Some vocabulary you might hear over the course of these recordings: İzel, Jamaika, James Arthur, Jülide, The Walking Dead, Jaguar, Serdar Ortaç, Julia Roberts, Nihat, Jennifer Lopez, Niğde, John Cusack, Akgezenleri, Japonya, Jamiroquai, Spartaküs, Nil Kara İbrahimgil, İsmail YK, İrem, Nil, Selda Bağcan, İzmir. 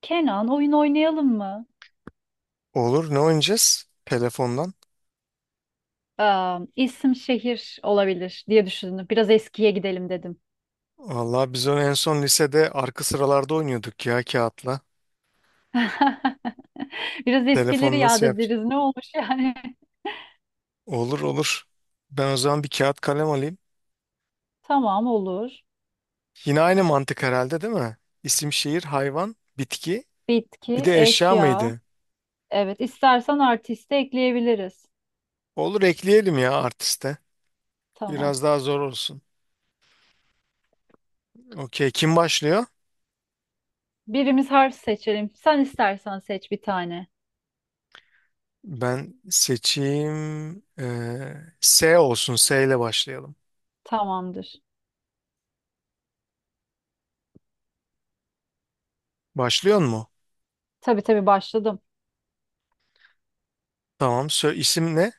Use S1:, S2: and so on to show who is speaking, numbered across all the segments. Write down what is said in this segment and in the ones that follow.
S1: Kenan oyun oynayalım mı?
S2: Olur. Ne oynayacağız? Telefondan.
S1: Aa, isim şehir olabilir diye düşündüm. Biraz eskiye gidelim dedim.
S2: Vallahi biz onu en son lisede arka sıralarda oynuyorduk ya kağıtla.
S1: Biraz eskileri
S2: Telefon
S1: yad
S2: nasıl yap?
S1: ederiz. Ne olmuş yani?
S2: Olur olur. Ben o zaman bir kağıt kalem alayım.
S1: Tamam olur.
S2: Yine aynı mantık herhalde değil mi? İsim, şehir, hayvan, bitki. Bir
S1: Bitki,
S2: de eşya
S1: eşya.
S2: mıydı?
S1: Evet, istersen artisti ekleyebiliriz.
S2: Olur ekleyelim ya artiste.
S1: Tamam.
S2: Biraz daha zor olsun. Okey. Kim başlıyor?
S1: Birimiz harf seçelim. Sen istersen seç bir tane.
S2: Ben seçeyim. S olsun. S ile başlayalım.
S1: Tamamdır.
S2: Başlıyor mu?
S1: Tabii başladım.
S2: Tamam. Sö isim ne?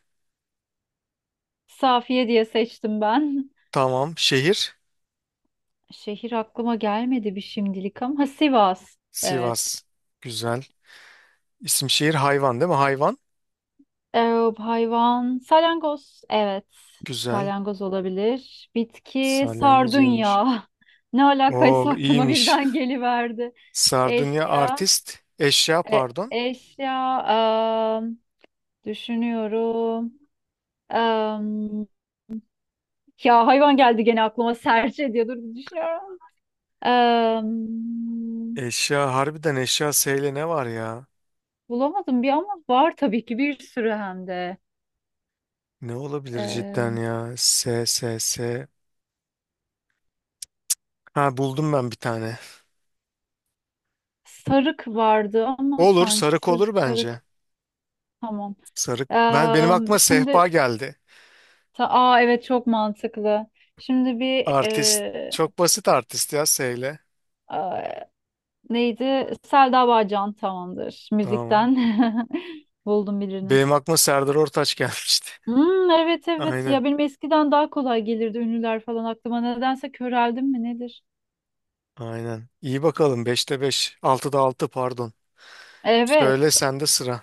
S1: Safiye diye seçtim ben.
S2: Tamam. Şehir.
S1: Şehir aklıma gelmedi bir şimdilik ama. Ha, Sivas. Evet.
S2: Sivas. Güzel. İsim şehir hayvan değil mi? Hayvan.
S1: Ee, hayvan salyangoz. Evet.
S2: Güzel.
S1: Salyangoz olabilir. Bitki
S2: Salyangoz iyiymiş.
S1: sardunya. Ne
S2: Oo
S1: alakaysa aklıma
S2: iyiymiş.
S1: birden geliverdi.
S2: Sardunya
S1: Eşya.
S2: artist. Eşya pardon.
S1: Eşya. am, düşünüyorum. Am, ya hayvan geldi gene aklıma serçe diye dur bir düşünüyorum. Am,
S2: Eşya harbiden eşya S ile ne var ya?
S1: bulamadım bir ama var tabii ki bir sürü hem de.
S2: Ne olabilir
S1: Ee,
S2: cidden ya? S S S. Ha buldum ben bir tane.
S1: sarık vardı ama
S2: Olur
S1: sanki
S2: sarık olur
S1: sarık.
S2: bence.
S1: Tamam.
S2: Sarık. Ben benim aklıma
S1: Şimdi
S2: sehpa geldi.
S1: aa evet çok mantıklı. Şimdi
S2: Artist. Çok basit artist ya S ile.
S1: a- neydi? Selda Bağcan tamamdır
S2: Tamam.
S1: müzikten. Buldum birini.
S2: Benim aklıma Serdar Ortaç gelmişti.
S1: Hmm, evet evet
S2: Aynen.
S1: ya benim eskiden daha kolay gelirdi ünlüler falan aklıma nedense köreldim mi nedir?
S2: Aynen. İyi bakalım. Beşte 5. Altıda 6. Pardon.
S1: Evet,
S2: Söyle sende sıra.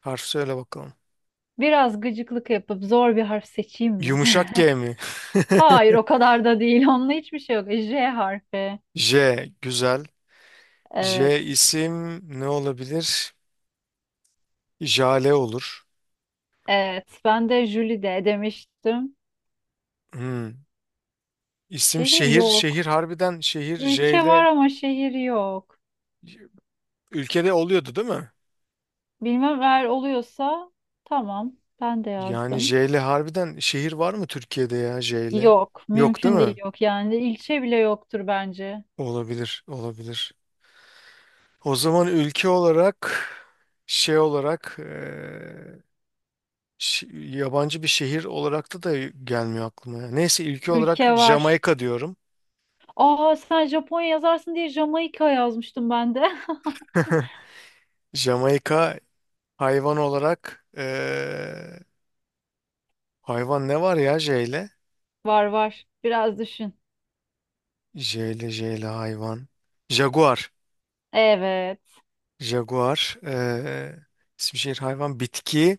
S2: Harf söyle bakalım.
S1: biraz gıcıklık yapıp zor bir harf seçeyim mi?
S2: Yumuşak G mi?
S1: Hayır, o kadar da değil, onunla hiçbir şey yok. J harfi.
S2: J. Güzel.
S1: Evet,
S2: J isim ne olabilir? Jale olur.
S1: evet ben de Jülide demiştim.
S2: Hmm. İsim
S1: Şehir
S2: şehir. Şehir
S1: yok.
S2: harbiden şehir J
S1: Ülke var
S2: ile
S1: ama şehir yok.
S2: ülkede oluyordu değil mi?
S1: Bilmem, eğer oluyorsa tamam. Ben de
S2: Yani
S1: yazdım.
S2: J ile harbiden şehir var mı Türkiye'de ya J ile?
S1: Yok.
S2: Yok değil
S1: Mümkün değil,
S2: mi?
S1: yok. Yani ilçe bile yoktur bence.
S2: Olabilir. Olabilir. O zaman ülke olarak şey olarak yabancı bir şehir olarak da gelmiyor aklıma ya. Neyse ülke olarak
S1: Ülke var.
S2: Jamaika diyorum.
S1: Aa, sen Japonya yazarsın diye Jamaika yazmıştım ben de.
S2: Jamaika hayvan olarak hayvan ne var ya J'yle?
S1: Var var. Biraz düşün.
S2: J'yle J'yle hayvan. Jaguar.
S1: Evet.
S2: Jaguar. İsim şehir hayvan. Bitki.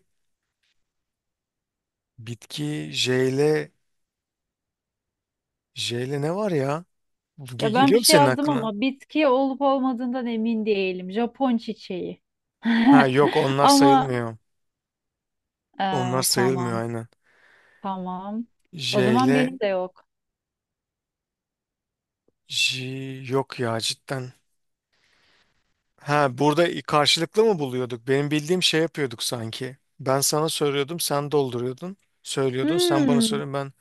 S2: Bitki J'yle J'yle ne var ya? Ge-
S1: Ya ben
S2: geliyor
S1: bir
S2: mu
S1: şey
S2: senin
S1: yazdım
S2: aklına?
S1: ama bitki olup olmadığından emin değilim. Japon çiçeği.
S2: Ha yok onlar
S1: Ama
S2: sayılmıyor. Onlar sayılmıyor
S1: tamam.
S2: aynen.
S1: Tamam. O zaman
S2: J'yle
S1: benim de yok.
S2: J yok ya cidden. Ha burada karşılıklı mı buluyorduk? Benim bildiğim şey yapıyorduk sanki. Ben sana soruyordum, sen dolduruyordun. Söylüyordun, sen bana
S1: Hmm.
S2: soruyordun ben.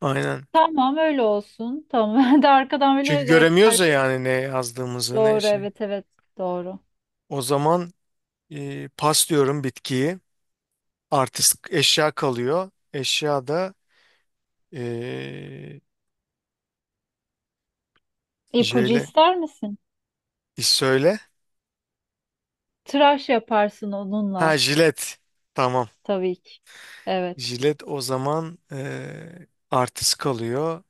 S2: Aynen.
S1: Tamam, öyle olsun. Tamam. Ben de arkadan
S2: Çünkü
S1: böyle rehber.
S2: göremiyoruz ya yani ne yazdığımızı ne
S1: Doğru,
S2: şey.
S1: evet evet doğru.
S2: O zaman pas diyorum bitkiyi. Artist eşya kalıyor. Eşya da e,
S1: İpucu
S2: jele.
S1: ister misin?
S2: E, söyle.
S1: Tıraş yaparsın
S2: Ha
S1: onunla,
S2: jilet. Tamam.
S1: tabii ki. Evet.
S2: Jilet o zaman artist kalıyor.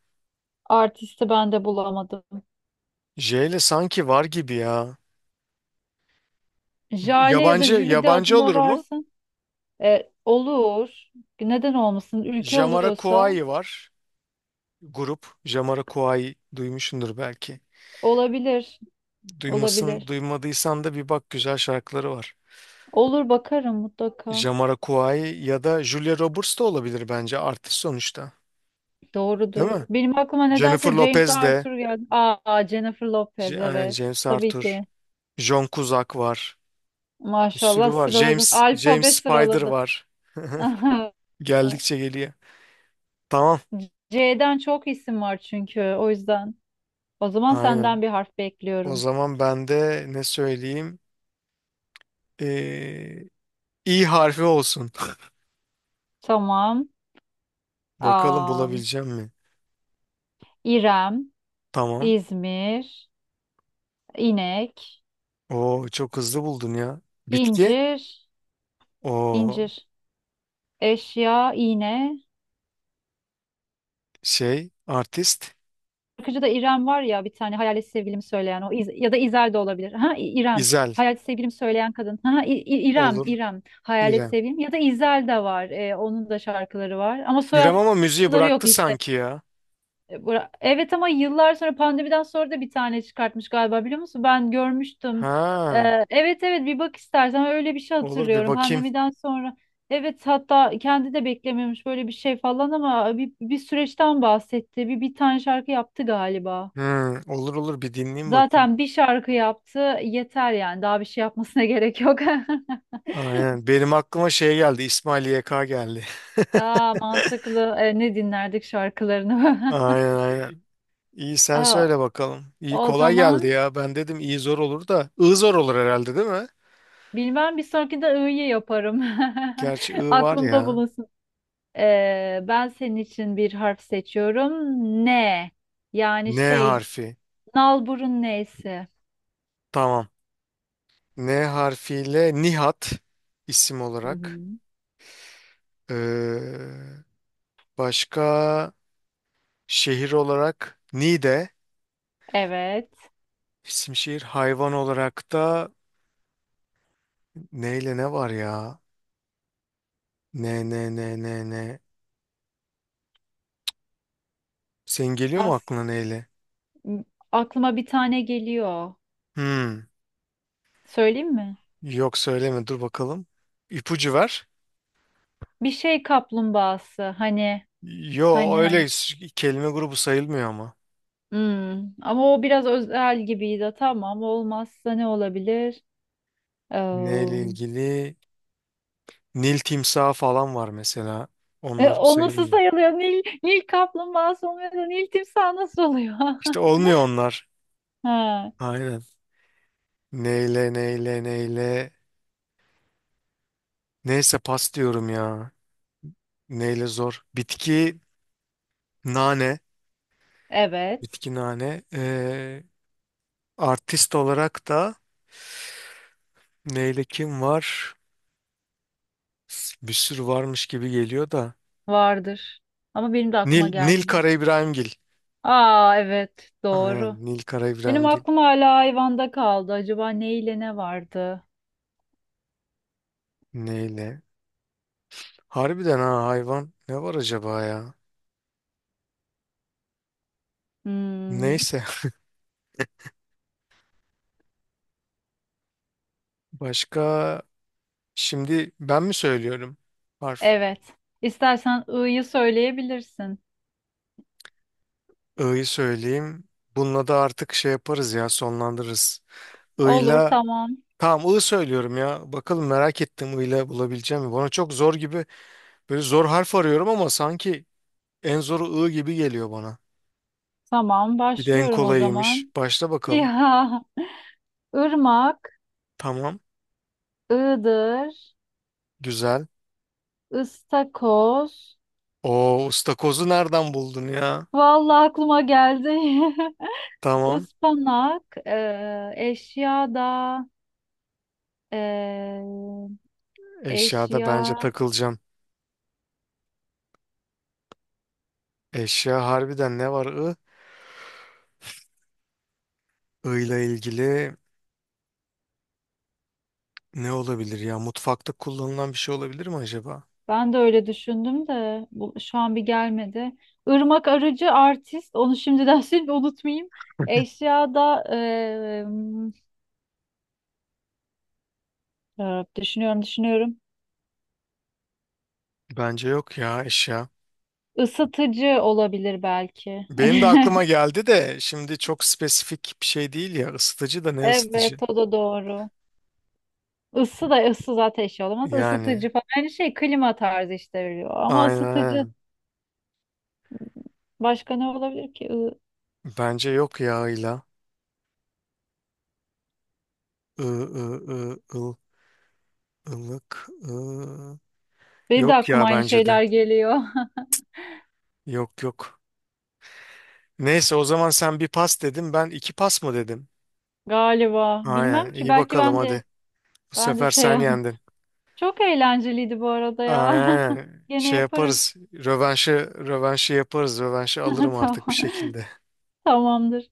S1: Artisti ben de bulamadım.
S2: J ile sanki var gibi ya.
S1: Jale ya da
S2: Yabancı
S1: Jülide
S2: yabancı
S1: adında
S2: olur mu?
S1: varsın. E, olur. Neden olmasın? Ülke oluyorsa
S2: Jamiroquai var. Grup. Jamiroquai duymuşsundur belki.
S1: olabilir.
S2: Duymasın,
S1: Olabilir.
S2: duymadıysan da bir bak güzel şarkıları var.
S1: Olur, bakarım mutlaka.
S2: Jamiroquai ya da Julia Roberts da olabilir bence artist sonuçta. Değil
S1: Doğrudur.
S2: mi?
S1: Benim aklıma
S2: Jennifer
S1: nedense James
S2: Lopez de,
S1: Arthur geldi. Aa, Jennifer Lopez
S2: Aynen
S1: evet.
S2: James
S1: Tabii
S2: Arthur,
S1: ki.
S2: John Cusack var. Bir
S1: Maşallah
S2: sürü var.
S1: sıraladın.
S2: James James
S1: Alfabe
S2: Spider
S1: sıraladı.
S2: var. Geldikçe geliyor. Tamam.
S1: C'den çok isim var çünkü, o yüzden. O zaman
S2: Aynen.
S1: senden bir harf
S2: O
S1: bekliyorum.
S2: zaman ben de ne söyleyeyim? Ee, İ harfi olsun.
S1: Tamam.
S2: Bakalım
S1: Aa,
S2: bulabileceğim mi?
S1: İrem,
S2: Tamam.
S1: İzmir, inek,
S2: O çok hızlı buldun ya. Bitki.
S1: incir,
S2: O
S1: incir, eşya, iğne.
S2: şey artist
S1: Şarkıcıda İrem var ya, bir tane hayalet sevgilimi söyleyen o ya da İzel de olabilir. Ha İrem.
S2: İzel
S1: Hayalet sevgilimi söyleyen kadın. Ha İrem,
S2: olur
S1: İrem. Hayalet
S2: İrem.
S1: sevgilim ya da İzel de var. Onun da şarkıları var ama
S2: İrem ama müziği
S1: soyadları yok
S2: bıraktı
S1: işte.
S2: sanki ya.
S1: Evet ama yıllar sonra pandemiden sonra da bir tane çıkartmış galiba, biliyor musun? Ben görmüştüm.
S2: Ha,
S1: Evet evet, bir bak istersen, öyle bir şey
S2: olur bir
S1: hatırlıyorum
S2: bakayım.
S1: pandemiden sonra. Evet, hatta kendi de beklemiyormuş böyle bir şey falan ama bir süreçten bahsetti. Bir tane şarkı yaptı galiba.
S2: Hmm, olur olur bir dinleyeyim bakayım.
S1: Zaten bir şarkı yaptı yeter yani, daha bir şey yapmasına gerek yok.
S2: Aynen. Benim aklıma şey geldi. İsmail YK geldi.
S1: Aa, mantıklı. E, ne dinlerdik şarkılarını?
S2: Aynen aynen. İyi sen
S1: Aa,
S2: söyle bakalım. İyi
S1: o
S2: kolay geldi
S1: zaman
S2: ya. Ben dedim iyi zor olur da. I zor olur herhalde değil mi?
S1: bilmem, bir sonrakinde I'yı yaparım.
S2: Gerçi I var
S1: Aklımda
S2: ya.
S1: bulunsun. Ben senin için bir harf seçiyorum. Ne Yani
S2: N
S1: şey
S2: harfi.
S1: nalburun neyse.
S2: Tamam. N harfiyle Nihat isim
S1: Hı
S2: olarak.
S1: hı.
S2: Ee, başka şehir olarak Niğde
S1: Evet.
S2: isim şehir. Hayvan olarak da neyle ne var ya? Ne ne ne ne ne. Senin geliyor mu
S1: As
S2: aklına neyle?
S1: aklıma bir tane geliyor.
S2: Hmm.
S1: Söyleyeyim mi?
S2: Yok söyleme dur bakalım. İpucu ver.
S1: Bir şey kaplumbağası. Hani
S2: Yo
S1: Hani hani.
S2: öyle kelime grubu sayılmıyor ama.
S1: Hmm. Ama o biraz özel gibiydi. Tamam, olmazsa ne olabilir? Ee,
S2: Neyle ilgili? Nil timsahı falan var mesela. Onlar
S1: o nasıl
S2: sayılmıyor.
S1: sayılıyor? Nil, Nil kaplumbağası olmuyor da Nil timsahı nasıl oluyor?
S2: İşte olmuyor onlar.
S1: Ha,
S2: Aynen. Neyle neyle neyle. Neyse pas diyorum ya. Neyle zor. Bitki nane.
S1: evet
S2: Bitki nane. Artist olarak da neyle kim var? Bir sürü varmış gibi geliyor da.
S1: vardır. Ama benim de aklıma
S2: Nil, Nil
S1: gelmiyor.
S2: Kara İbrahimgil.
S1: Aa, evet doğru.
S2: Aynen Nil Kara
S1: Benim
S2: İbrahimgil.
S1: aklım hala hayvanda kaldı. Acaba ne ile ne vardı?
S2: Neyle? Harbiden hayvan. Ne var acaba ya?
S1: Hmm,
S2: Neyse. Başka şimdi ben mi söylüyorum? Harf.
S1: evet. İstersen ı'yı söyleyebilirsin.
S2: I'yı söyleyeyim. Bununla da artık şey yaparız ya sonlandırırız.
S1: Olur,
S2: I'la
S1: tamam.
S2: tamam I söylüyorum ya. Bakalım merak ettim I'la bulabileceğim mi? Bana çok zor gibi böyle zor harf arıyorum ama sanki en zoru I gibi geliyor bana.
S1: Tamam,
S2: Bir de en
S1: başlıyorum o
S2: kolayıymış.
S1: zaman.
S2: Başla bakalım.
S1: Ya, ırmak,
S2: Tamam.
S1: ığdır,
S2: Güzel.
S1: ıstakoz.
S2: O ıstakozu nereden buldun ya?
S1: Vallahi aklıma geldi.
S2: Tamam.
S1: Ispanak, eşya da eee,
S2: Eşyada
S1: eşya.
S2: bence takılacağım. Eşya harbiden ne var I? I ile ilgili ne olabilir ya? Mutfakta kullanılan bir şey olabilir mi acaba?
S1: Ben de öyle düşündüm de şu an bir gelmedi. Irmak arıcı artist. Onu şimdiden şimdi unutmayayım. Eşya da düşünüyorum.
S2: Bence yok ya eşya.
S1: Isıtıcı olabilir belki.
S2: Benim de aklıma geldi de şimdi çok spesifik bir şey değil ya ısıtıcı da ne
S1: Evet,
S2: ısıtıcı?
S1: o da doğru. Isı da ısı zaten şey olamaz.
S2: Yani
S1: Isıtıcı falan. Aynı şey klima tarzı işte veriyor. Ama
S2: aynen
S1: ısıtıcı
S2: aynen.
S1: başka ne olabilir ki? I-
S2: Bence yok yağıyla. I, ı, ı, ıl, ılık. I.
S1: Benim de
S2: Yok
S1: aklıma
S2: ya
S1: aynı
S2: bence de.
S1: şeyler geliyor.
S2: Yok yok. Neyse o zaman sen bir pas dedin ben iki pas mı dedim?
S1: Galiba. Bilmem
S2: Aynen
S1: ki,
S2: iyi
S1: belki
S2: bakalım
S1: ben de
S2: hadi. Bu
S1: ben de
S2: sefer
S1: şey.
S2: sen yendin.
S1: Çok eğlenceliydi bu arada ya.
S2: Aynen.
S1: Gene
S2: Şey
S1: yaparız.
S2: yaparız. Rövanşı, rövanşı yaparız. Rövanşı alırım artık bir
S1: Tamam.
S2: şekilde.
S1: Tamamdır.